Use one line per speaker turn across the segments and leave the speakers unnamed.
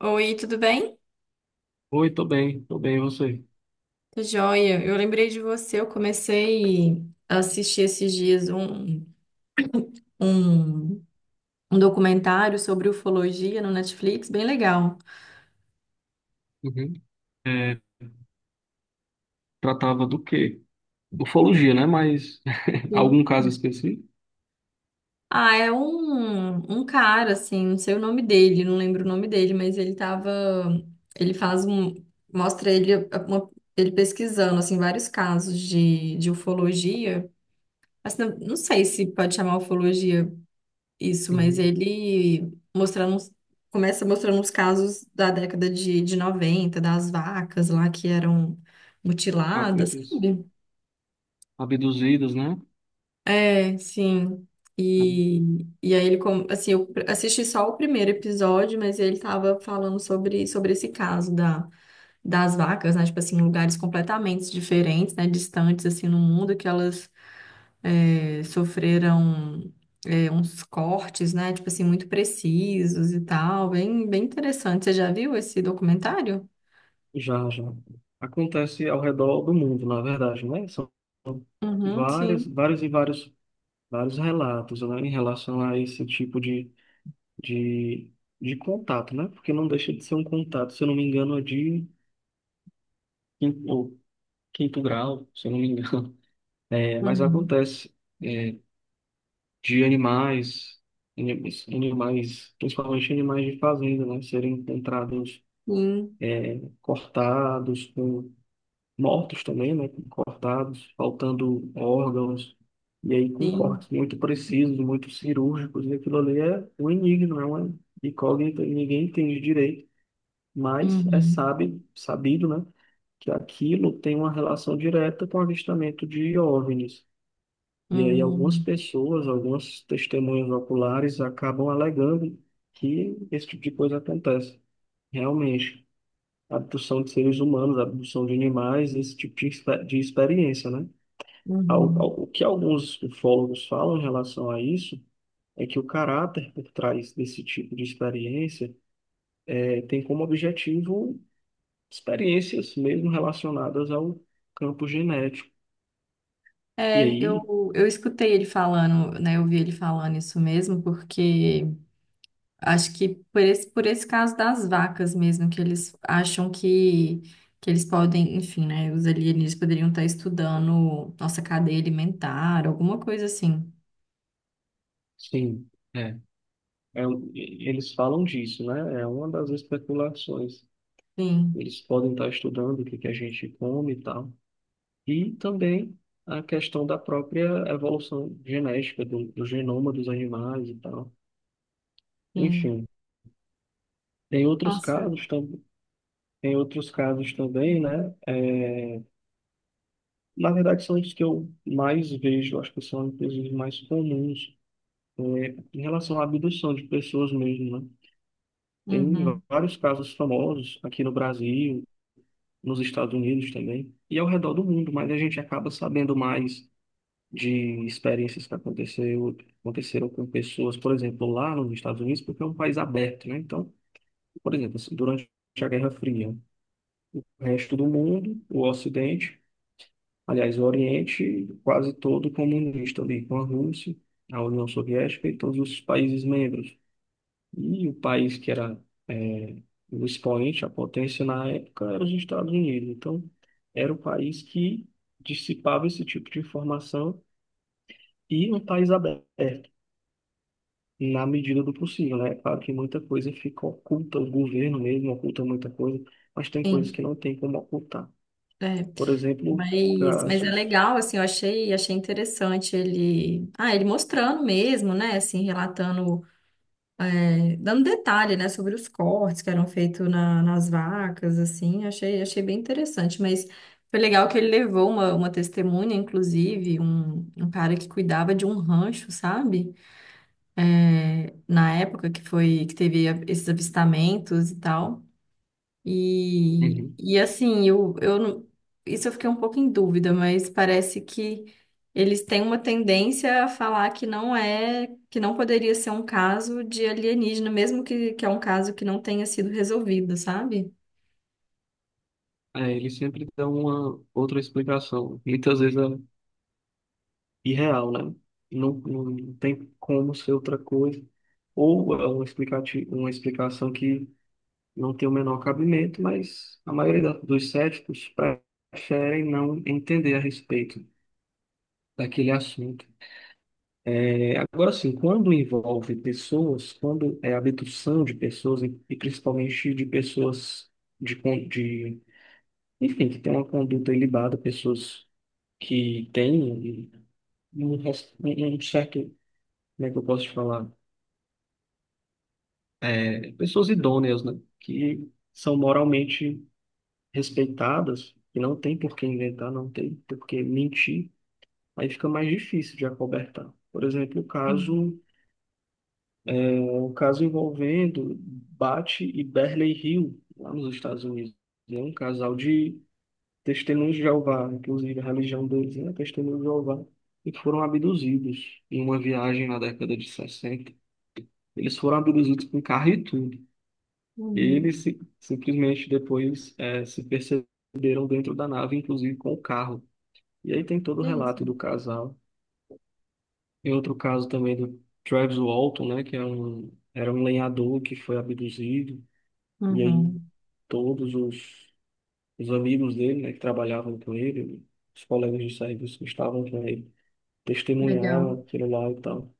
Oi, tudo bem?
Oi, tô bem, e você?
Tô joia. Eu lembrei de você. Eu comecei a assistir esses dias um, um documentário sobre ufologia no Netflix, bem legal.
Uhum. É, tratava do quê? Ufologia, né? Mas algum
Sim.
caso específico?
Ah, é um cara, assim, não sei o nome dele, não lembro o nome dele, mas ele tava. Ele faz um. Mostra ele, ele pesquisando, assim, vários casos de ufologia. Mas não sei se pode chamar ufologia. Isso, mas
Uhum.
ele mostrando, começa mostrando os casos da década de 90 das vacas lá que eram mutiladas,
Abduz-
sabe?
Abduzidos, né?
É, sim. E, assim, eu assisti só o primeiro episódio, mas ele tava falando sobre esse caso das vacas, né? Tipo assim, em lugares completamente diferentes, né? Distantes, assim, no mundo, que elas sofreram uns cortes, né? Tipo assim, muito precisos e tal. Bem, bem interessante. Você já viu esse documentário?
Já, já. Acontece ao redor do mundo, na verdade, né? São
Uhum,
vários,
sim.
vários e vários, vários relatos, né, em relação a esse tipo de, de contato, né? Porque não deixa de ser um contato, se eu não me engano, é de quinto, ou quinto grau, se eu não me engano. É, mas
Uhum,
acontece. é, de animais, animais, animais, principalmente animais de fazenda, né, serem encontrados
sim,
cortados, com, mortos também, né, cortados, faltando órgãos, e aí com
sim.
cortes muito precisos, muito cirúrgicos, e aquilo ali é um enigma, é uma incógnita, e ninguém entende direito, mas é
Uhum,
sabe, sabido, né, que aquilo tem uma relação direta com o avistamento de OVNIs. E aí algumas
uhum,
pessoas, algumas testemunhas oculares acabam alegando que esse tipo de coisa acontece. Realmente, abdução de seres humanos, abdução de animais, esse tipo de, de experiência, né?
uhum.
O que alguns ufólogos falam em relação a isso é que o caráter por trás desse tipo de experiência tem como objetivo experiências mesmo relacionadas ao campo genético. E
É,
aí,
eu escutei ele falando, né? Eu vi ele falando isso mesmo, porque... Acho que por por esse caso das vacas mesmo, que eles acham que eles podem, enfim, né? Os alienígenas poderiam estar estudando nossa cadeia alimentar, alguma coisa assim.
sim. é, É, eles falam disso, né? É uma das especulações.
Sim,
Eles podem estar estudando o que que a gente come e tal. E também a questão da própria evolução genética do genoma dos animais e tal.
sim.
Enfim, tem outros
Nossa.
casos também. Tem outros casos também, né? É, na verdade, são os que eu mais vejo, acho que são inclusive mais comuns, é, em relação à abdução de pessoas mesmo, né? Tem
Uhum,
vários casos famosos aqui no Brasil, nos Estados Unidos também, e ao redor do mundo, mas a gente acaba sabendo mais de experiências que aconteceu, aconteceram com pessoas, por exemplo, lá nos Estados Unidos, porque é um país aberto, né? Então, por exemplo, assim, durante a Guerra Fria, o resto do mundo, o Ocidente, aliás, o Oriente, quase todo comunista ali, com a Rússia, a União Soviética e todos os países membros. E o país que era é, o expoente, a potência na época, era os Estados Unidos. Então, era o país que dissipava esse tipo de informação e um país aberto, na medida do possível, né? É claro que muita coisa fica oculta, o governo mesmo oculta muita coisa, mas tem coisas
sim,
que não tem como ocultar.
é.
Por exemplo,
Mas é
casos.
legal, assim, eu achei, achei interessante ele, ah, ele mostrando mesmo, né, assim, relatando dando detalhe, né, sobre os cortes que eram feitos nas vacas, assim, achei, achei bem interessante, mas foi legal que ele levou uma testemunha, inclusive, um cara que cuidava de um rancho, sabe? É, na época que foi, que teve esses avistamentos e tal.
Uhum.
E assim, eu, não- isso eu fiquei um pouco em dúvida, mas parece que eles têm uma tendência a falar que não é, que não poderia ser um caso de alienígena, mesmo que é um caso que não tenha sido resolvido, sabe?
É, ele sempre dá uma outra explicação. Muitas vezes irreal, né? Não, não tem como ser outra coisa. Ou é um explicativo, uma explicação que não tem o menor cabimento, mas a maioria dos céticos preferem não entender a respeito daquele assunto. É, agora sim, quando envolve pessoas, quando é abdução de pessoas, e principalmente de pessoas de, de, enfim, que têm uma conduta ilibada, pessoas que têm um, um certo, como é que eu posso te falar? Pessoas idôneas, né, que são moralmente respeitadas e não tem por que inventar, não tem por que mentir, aí fica mais difícil de acobertar. Por exemplo, o
Uhum.
caso, o caso envolvendo Bat e Berley Hill, lá nos Estados Unidos. É um casal de testemunhos de Jeová, inclusive a religião deles, né, testemunhos de Jeová, e que foram abduzidos em uma viagem na década de 60. Eles foram abduzidos com carro e tudo. E
Uhum.
eles simplesmente depois se perceberam dentro da nave, inclusive com o carro. E aí tem todo o
É isso.
relato do casal. E outro caso também do Travis Walton, né, que é um, era um lenhador que foi abduzido. E aí
Uhum.
todos os amigos dele, né, que trabalhavam com ele, os colegas de serviço que estavam com ele, testemunharam
Legal.
aquilo lá e tal.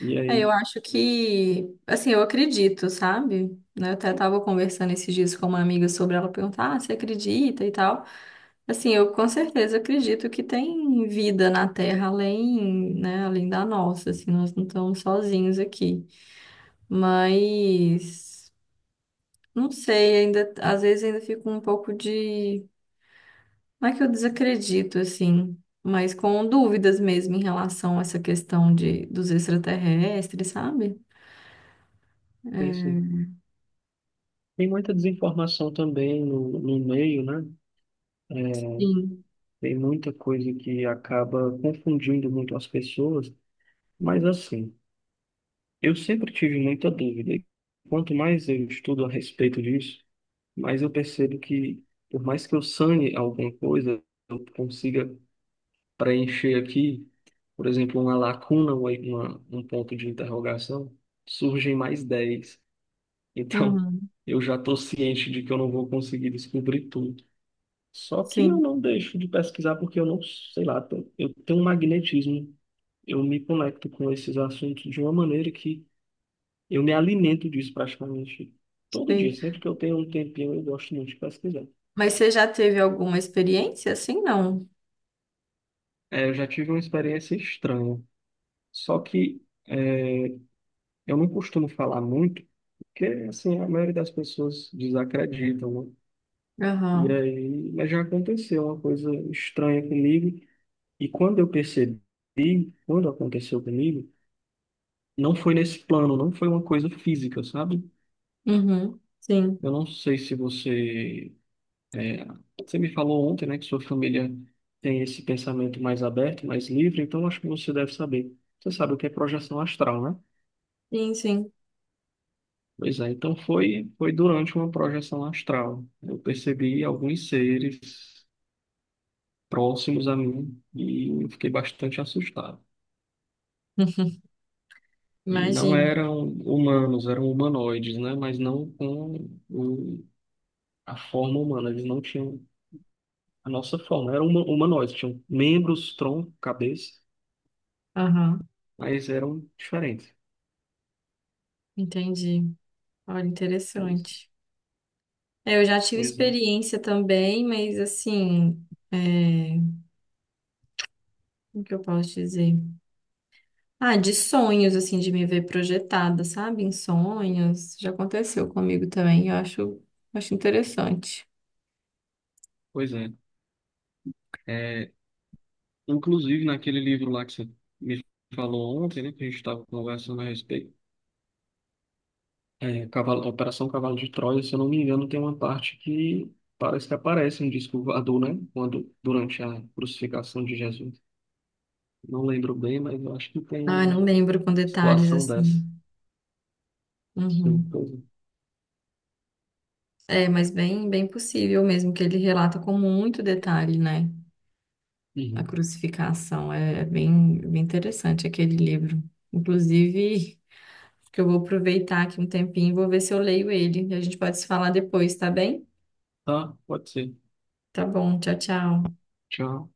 E
É,
aí,
eu acho que, assim, eu acredito, sabe? Né, eu até estava conversando esses dias com uma amiga sobre ela perguntar, ah, você acredita e tal. Assim, eu com certeza acredito que tem vida na Terra além, né, além da nossa, assim, nós não estamos sozinhos aqui. Mas não sei, ainda às vezes ainda fico um pouco de, não é que eu desacredito assim, mas com dúvidas mesmo em relação a essa questão de dos extraterrestres, sabe?
isso.
É,
Tem muita desinformação também no meio, né?
sim.
Tem muita coisa que acaba confundindo muito as pessoas, mas assim, eu sempre tive muita dúvida. E quanto mais eu estudo a respeito disso, mais eu percebo que, por mais que eu sane alguma coisa, eu consiga preencher aqui, por exemplo, uma lacuna, uma, um ponto de interrogação, surgem mais dez. Então,
Uhum.
eu já estou ciente de que eu não vou conseguir descobrir tudo. Só que eu
Sim,
não deixo de pesquisar porque eu não, sei lá, eu tenho um magnetismo. Eu me conecto com esses assuntos de uma maneira que eu me alimento disso praticamente todo dia.
sei.
Sempre que eu tenho um tempinho, eu gosto muito de pesquisar.
Mas você já teve alguma experiência assim? Não.
É, eu já tive uma experiência estranha. Só que é, eu não costumo falar muito, porque assim, a maioria das pessoas desacreditam, né? E
Aham.
aí, mas já aconteceu uma coisa estranha comigo. E quando eu percebi, quando aconteceu comigo, não foi nesse plano, não foi uma coisa física, sabe?
Uhum. Sim.
Eu não sei se você. é, Você me falou ontem, né, que sua família tem esse pensamento mais aberto, mais livre, então acho que você deve saber. Você sabe o que é projeção astral, né?
Sim, sim.
Pois é, então foi, foi durante uma projeção astral. Eu percebi alguns seres próximos a mim e eu fiquei bastante assustado. E não
Imagino.
eram humanos, eram humanoides, né? Mas não com a forma humana. Eles não tinham a nossa forma, era uma humanoide, tinham membros, tronco, cabeça,
Aham,
mas eram diferentes.
entendi. Olha,
Pois
interessante. É, eu já tive
é.
experiência também, mas assim, é, o que eu posso dizer? Ah, de sonhos, assim, de me ver projetada, sabe? Em sonhos. Já aconteceu comigo também, eu acho, acho interessante.
Pois é. É, inclusive, naquele livro lá que você me falou ontem, né, que a gente estava conversando a respeito, é, Operação Cavalo de Troia, se eu não me engano, tem uma parte que parece que aparece um disco voador, né, quando, durante a crucificação de Jesus. Não lembro bem, mas eu acho que
Ah, não
tem
lembro com detalhes,
situação dessa.
assim.
Sim,
Uhum.
pois é.
É, mas bem, bem possível mesmo, que ele relata com muito detalhe, né? A
Uhum.
crucificação. É, é bem, bem interessante aquele livro. Inclusive, que eu vou aproveitar aqui um tempinho e vou ver se eu leio ele. E a gente pode se falar depois, tá bem?
Tá, pode ser.
Tá bom, tchau, tchau.
Tchau.